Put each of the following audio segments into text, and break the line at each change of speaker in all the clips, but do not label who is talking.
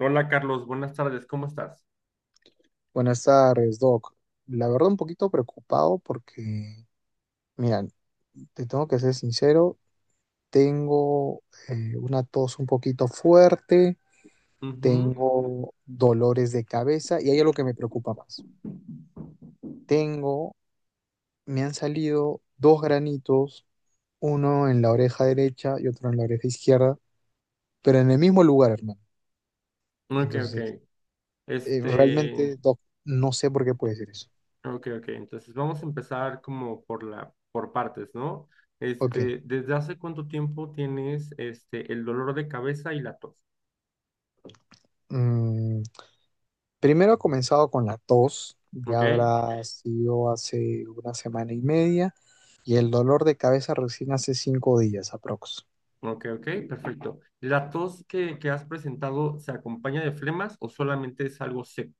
Hola Carlos, buenas tardes, ¿cómo estás?
Buenas tardes, Doc. La verdad, un poquito preocupado porque, mira, te tengo que ser sincero, tengo una tos un poquito fuerte,
Ujú.
tengo dolores de cabeza y hay algo que me preocupa más. Tengo, Me han salido dos granitos, uno en la oreja derecha y otro en la oreja izquierda, pero en el mismo lugar, hermano.
Ok, ok.
Entonces,
Este,
realmente, Doc, no sé por qué puede ser eso.
ok, ok. Entonces vamos a empezar como por partes, ¿no?
Ok.
¿Desde hace cuánto tiempo tienes el dolor de cabeza y la tos?
Mm, Primero ha comenzado con la tos, ya
Ok,
habrá sido hace una semana y media, y el dolor de cabeza recién hace 5 días aprox.
ok, ok, perfecto. ¿La tos que has presentado se acompaña de flemas o solamente es algo seco?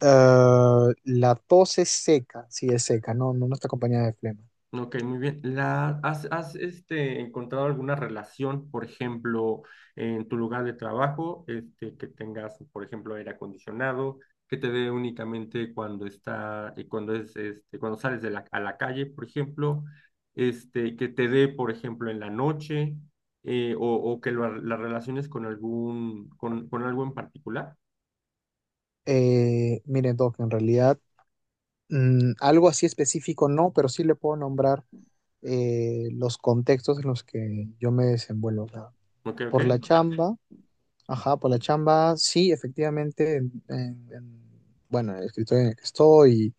Ah, la tos es seca, sí es seca, no, no, no está acompañada de flema.
Ok, muy bien. ¿Has, encontrado alguna relación, por ejemplo, en tu lugar de trabajo, que tengas, por ejemplo, aire acondicionado, que te dé únicamente cuando está, cuando es, este, cuando sales de a la calle, por ejemplo, que te dé, por ejemplo, en la noche, o que la relaciones con con algo en particular?
Mire, Doc, en realidad algo así específico no, pero sí le puedo nombrar los contextos en los que yo me desenvuelvo. O sea,
Ok, ok,
por la chamba. Ajá, por la chamba, sí, efectivamente, bueno, en el escritorio en el que estoy,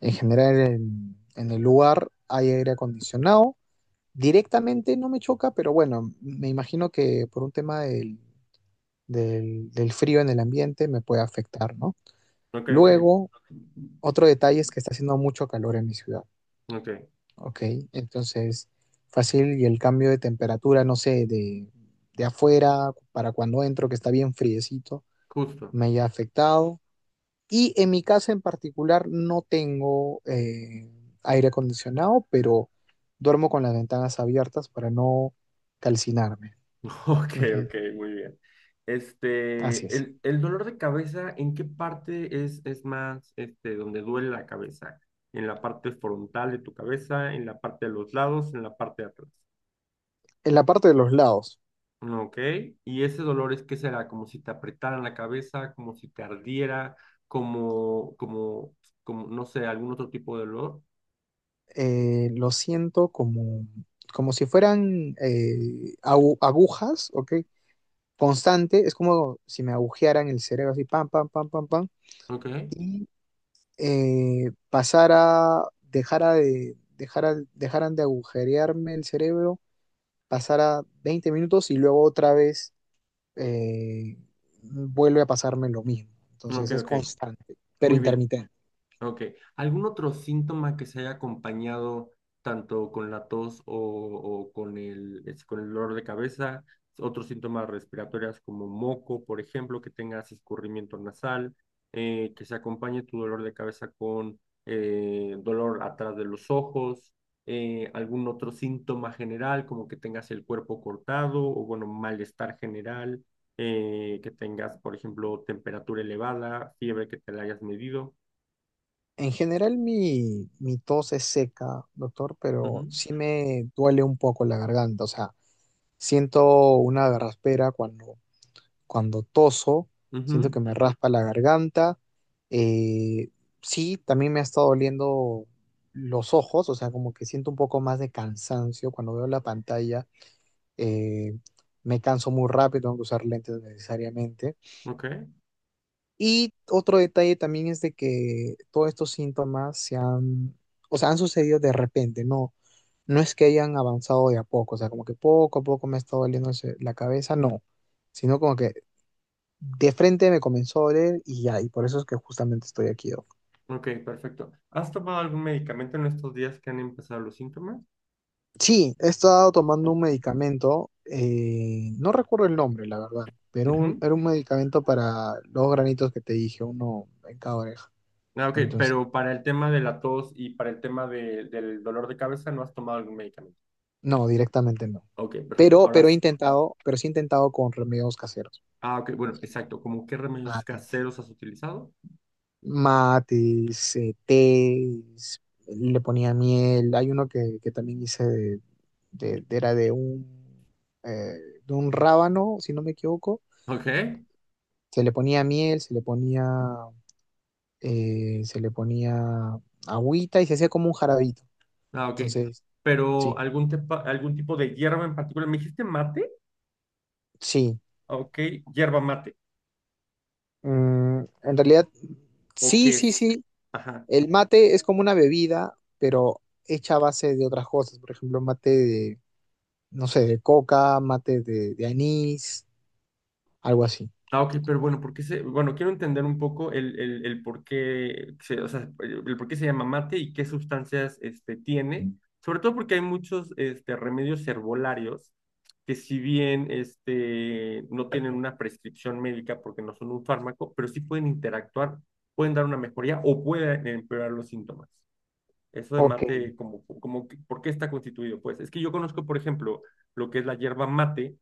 en general en el lugar hay aire acondicionado. Directamente no me choca, pero bueno, me imagino que por un tema del frío en el ambiente me puede afectar, ¿no?
ok, ok,
Luego, otro detalle es que está haciendo mucho calor en mi ciudad,
ok,
¿ok? Entonces, fácil y el cambio de temperatura, no sé, de afuera para cuando entro, que está bien friecito,
justo.
me haya afectado. Y en mi casa en particular no tengo aire acondicionado, pero duermo con las ventanas abiertas para no calcinarme.
Ok,
Ujú.
ok, muy bien.
Así
Este,
es.
el, el dolor de cabeza, ¿en qué parte es más, donde duele la cabeza? ¿En la parte frontal de tu cabeza, en la parte de los lados, en la parte de atrás?
En la parte de los lados.
Ok, y ese dolor es que será como si te apretaran la cabeza, como si te ardiera, como, como, como, no sé, algún otro tipo de dolor.
Lo siento como si fueran agujas, ¿ok? Constante, es como si me agujearan el cerebro así, pam, pam, pam, pam, pam,
Ok,
y pasara, dejaran de agujerearme el cerebro, pasara 20 minutos y luego otra vez eh, vuelve a pasarme lo mismo.
ok,
Entonces es
ok,
constante, pero
muy bien.
intermitente.
Ok. ¿Algún otro síntoma que se haya acompañado tanto con la tos o con con el dolor de cabeza? Otros síntomas respiratorios como moco, por ejemplo, que tengas escurrimiento nasal, que se acompañe tu dolor de cabeza con dolor atrás de los ojos, algún otro síntoma general como que tengas el cuerpo cortado o bueno, malestar general, que tengas, por ejemplo, temperatura elevada, fiebre que te la hayas medido.
En general mi tos es seca, doctor, pero
Ujú.
sí me duele un poco la garganta. O sea, siento una garraspera cuando toso, siento
Ujú.
que me raspa la garganta. Eh, sí, también me ha estado doliendo los ojos. O sea, como que siento un poco más de cansancio cuando veo la pantalla, eh, me canso muy rápido, tengo que usar lentes necesariamente.
Ok,
Y otro detalle también es de que todos estos síntomas se han, o sea, han sucedido de repente, no, no es que hayan avanzado de a poco. O sea, como que poco a poco me ha estado doliendo la cabeza, no, sino como que de frente me comenzó a doler y ya, y por eso es que justamente estoy aquí.
ok, perfecto. ¿Has tomado algún medicamento en estos días que han empezado los síntomas?
Sí, he estado tomando un medicamento, no recuerdo el nombre, la verdad, pero
Ujú.
era un medicamento para los granitos que te dije, uno en cada oreja.
Ah, ok,
Entonces,
pero para el tema de la tos y para el tema del dolor de cabeza, ¿no has tomado algún medicamento?
no, directamente no.
Ok, perfecto.
Pero,
Ahora
pero
sí.
pero sí he intentado con remedios caseros.
Ah, ok, bueno,
Así.
exacto. ¿Cómo qué remedios
Mates.
caseros has utilizado?
Mates, tés, le ponía miel. Hay uno que también hice de- de- era de un, eh, de un rábano, si no me equivoco.
Ok.
Se le ponía miel, se le ponía agüita y se hacía como un jarabito.
Ah, ok.
Entonces, sí,
Pero algún tipo de hierba en particular. ¿Me dijiste mate?
sí.
Ok, hierba mate.
En realidad,
¿O
sí,
qué
sí,
es?
sí.
Ajá.
El mate es como una bebida, pero hecha a base de otras cosas. Por ejemplo, mate de, no sé, de coca, mate de anís, algo así.
Ah, ok, pero bueno. Quiero entender un poco el por qué se, o sea, el por qué se llama mate y qué sustancias tiene, sobre todo porque hay muchos remedios herbolarios que si bien no tienen una prescripción médica porque no son un fármaco, pero sí pueden interactuar, pueden dar una mejoría o pueden empeorar los síntomas. Eso de
Ok.
mate, ¿por qué está constituido? Pues es que yo conozco, por ejemplo, lo que es la hierba mate,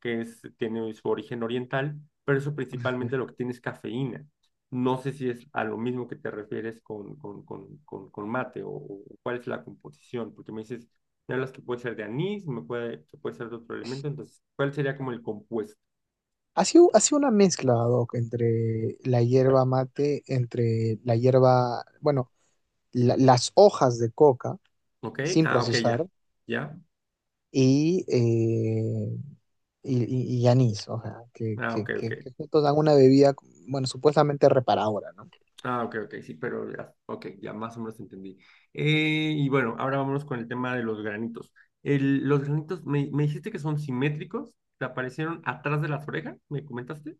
tiene su origen oriental, pero eso
Ujú.
principalmente lo que tiene es cafeína. No sé si es a lo mismo que te refieres con mate o cuál es la composición, porque me hablas que puede ser de anís, que puede ser de otro elemento, entonces, ¿cuál sería como el compuesto?
Ha sido una mezcla, Doc, entre la hierba mate, entre la hierba, bueno, las hojas de coca,
¿Ok?
sin
Ah, ok,
procesar,
ya. ¿Ya?
y y anís. O sea, que,
Ah,
que,
ok, ok.
que, que juntos dan una bebida, bueno, supuestamente reparadora, ¿no?
Ah, ok, ok, sí, pero ya, ok, ya más o menos entendí. Y bueno, ahora vámonos con el tema de los granitos. Los granitos, me dijiste que son simétricos, te aparecieron atrás de las orejas, ¿me comentaste?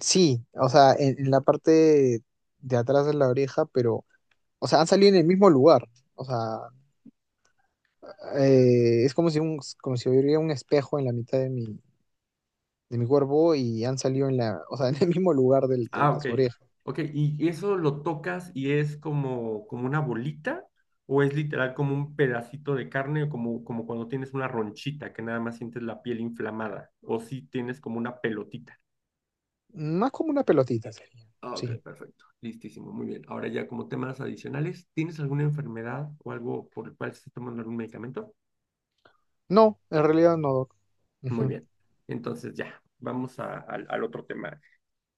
Sí, o sea, en la parte de atrás de la oreja, pero, o sea, han salido en el mismo lugar. O sea, es como si hubiera un espejo en la mitad de mi cuerpo y han salido en la, o sea, en el mismo lugar de,
Ah, ok,
las orejas.
ok, ¿y eso lo tocas y es como una bolita o es literal como un pedacito de carne o como cuando tienes una ronchita que nada más sientes la piel inflamada o si tienes como una pelotita?
Más como una pelotita sería,
Ah, ok,
sí.
perfecto. Listísimo, muy bien. Ahora ya como temas adicionales, ¿tienes alguna enfermedad o algo por el cual estás tomando algún medicamento?
No, en realidad no, doc.
Muy
Ujú.
bien. Entonces ya, vamos al otro tema.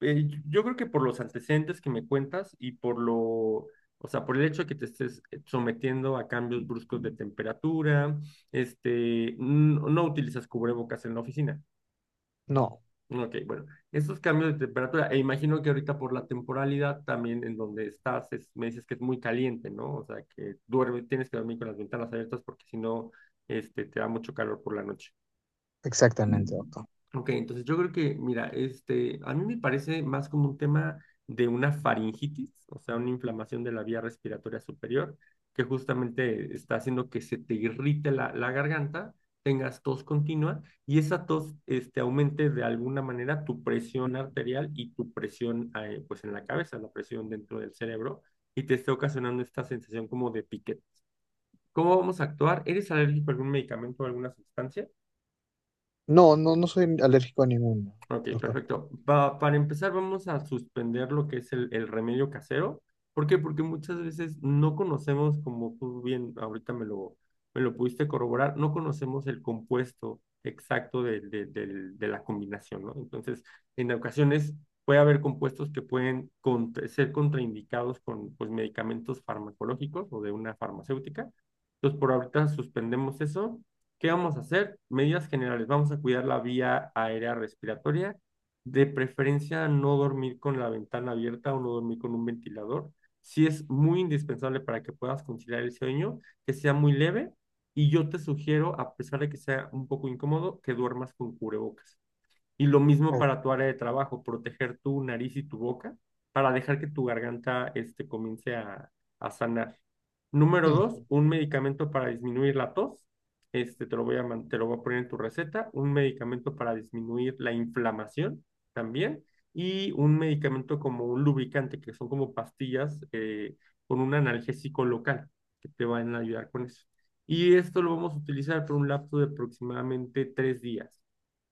Yo creo que por los antecedentes que me cuentas y por lo, o sea, por el hecho de que te estés sometiendo a cambios bruscos de temperatura, no utilizas cubrebocas en la oficina.
No,
Ok, bueno, estos cambios de temperatura, e imagino que ahorita por la temporalidad también en donde estás, me dices que es muy caliente, ¿no? O sea, tienes que dormir con las ventanas abiertas porque si no, te da mucho calor por la noche.
exactamente, doctor.
Ok, entonces yo creo que, mira, a mí me parece más como un tema de una faringitis, o sea, una inflamación de la vía respiratoria superior, que justamente está haciendo que se te irrite la garganta, tengas tos continua y esa tos, aumente de alguna manera tu presión arterial y tu presión, pues en la cabeza, la presión dentro del cerebro y te esté ocasionando esta sensación como de piquete. ¿Cómo vamos a actuar? ¿Eres alérgico a algún medicamento o alguna sustancia?
No, no, no soy alérgico a ninguno,
Ok,
doctor.
perfecto. Para empezar, vamos a suspender lo que es el remedio casero. ¿Por qué? Porque muchas veces no conocemos, como tú bien ahorita me lo pudiste corroborar, no conocemos el compuesto exacto de la combinación, ¿no? Entonces, en ocasiones puede haber compuestos que pueden ser contraindicados con pues, medicamentos farmacológicos o de una farmacéutica. Entonces, por ahorita suspendemos eso. ¿Qué vamos a hacer? Medidas generales. Vamos a cuidar la vía aérea respiratoria. De preferencia, no dormir con la ventana abierta o no dormir con un ventilador. Si es muy indispensable para que puedas conciliar el sueño, que sea muy leve. Y yo te sugiero, a pesar de que sea un poco incómodo, que duermas con cubrebocas. Y lo mismo para tu área de trabajo, proteger tu nariz y tu boca para dejar que tu garganta comience a sanar. Número 2,
Oh.
un medicamento para disminuir la tos. Te lo voy a poner en tu receta. Un medicamento para disminuir la inflamación también. Y un medicamento como un lubricante, que son como pastillas con un analgésico local que te van a ayudar con eso. Y esto lo vamos a utilizar por un lapso de aproximadamente 3 días.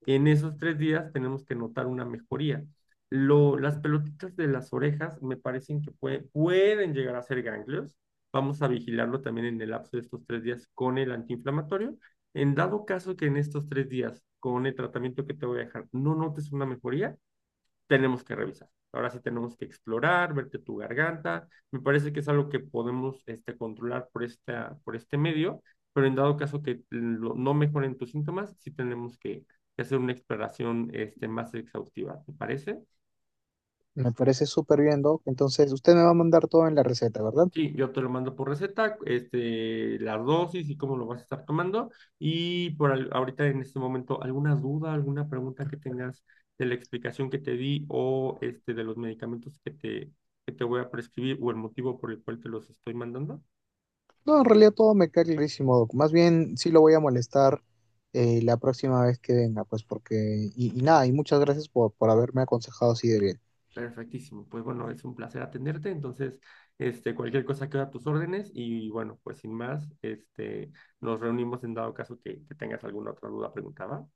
En esos 3 días tenemos que notar una mejoría. Las pelotitas de las orejas me parecen que pueden llegar a ser ganglios. Vamos a vigilarlo también en el lapso de estos 3 días con el antiinflamatorio. En dado caso que en estos 3 días, con el tratamiento que te voy a dejar, no notes una mejoría, tenemos que revisar. Ahora sí tenemos que explorar, verte tu garganta. Me parece que es algo que podemos controlar por este medio, pero en dado caso que no mejoren tus síntomas, sí tenemos que hacer una exploración más exhaustiva. ¿Te parece?
Me parece súper bien, Doc. Entonces, usted me va a mandar todo en la receta, ¿verdad?
Sí, yo te lo mando por receta, las dosis y cómo lo vas a estar tomando. Y ahorita en este momento, ¿alguna duda, alguna pregunta que tengas de la explicación que te di o de los medicamentos que te voy a prescribir o el motivo por el cual te los estoy mandando?
No, en realidad todo me queda clarísimo, Doc. Más bien, sí lo voy a molestar la próxima vez que venga, pues porque... Y nada, y muchas gracias por haberme aconsejado así de bien.
Perfectísimo. Pues bueno, es un placer atenderte. Entonces, cualquier cosa queda a tus órdenes y bueno, pues sin más, nos reunimos en dado caso que tengas alguna otra duda, pregunta, ¿va?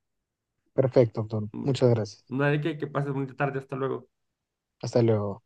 Perfecto, Doc.
Muy bien.
Muchas gracias.
No hay que pases bonita tarde. Hasta luego.
Hasta luego.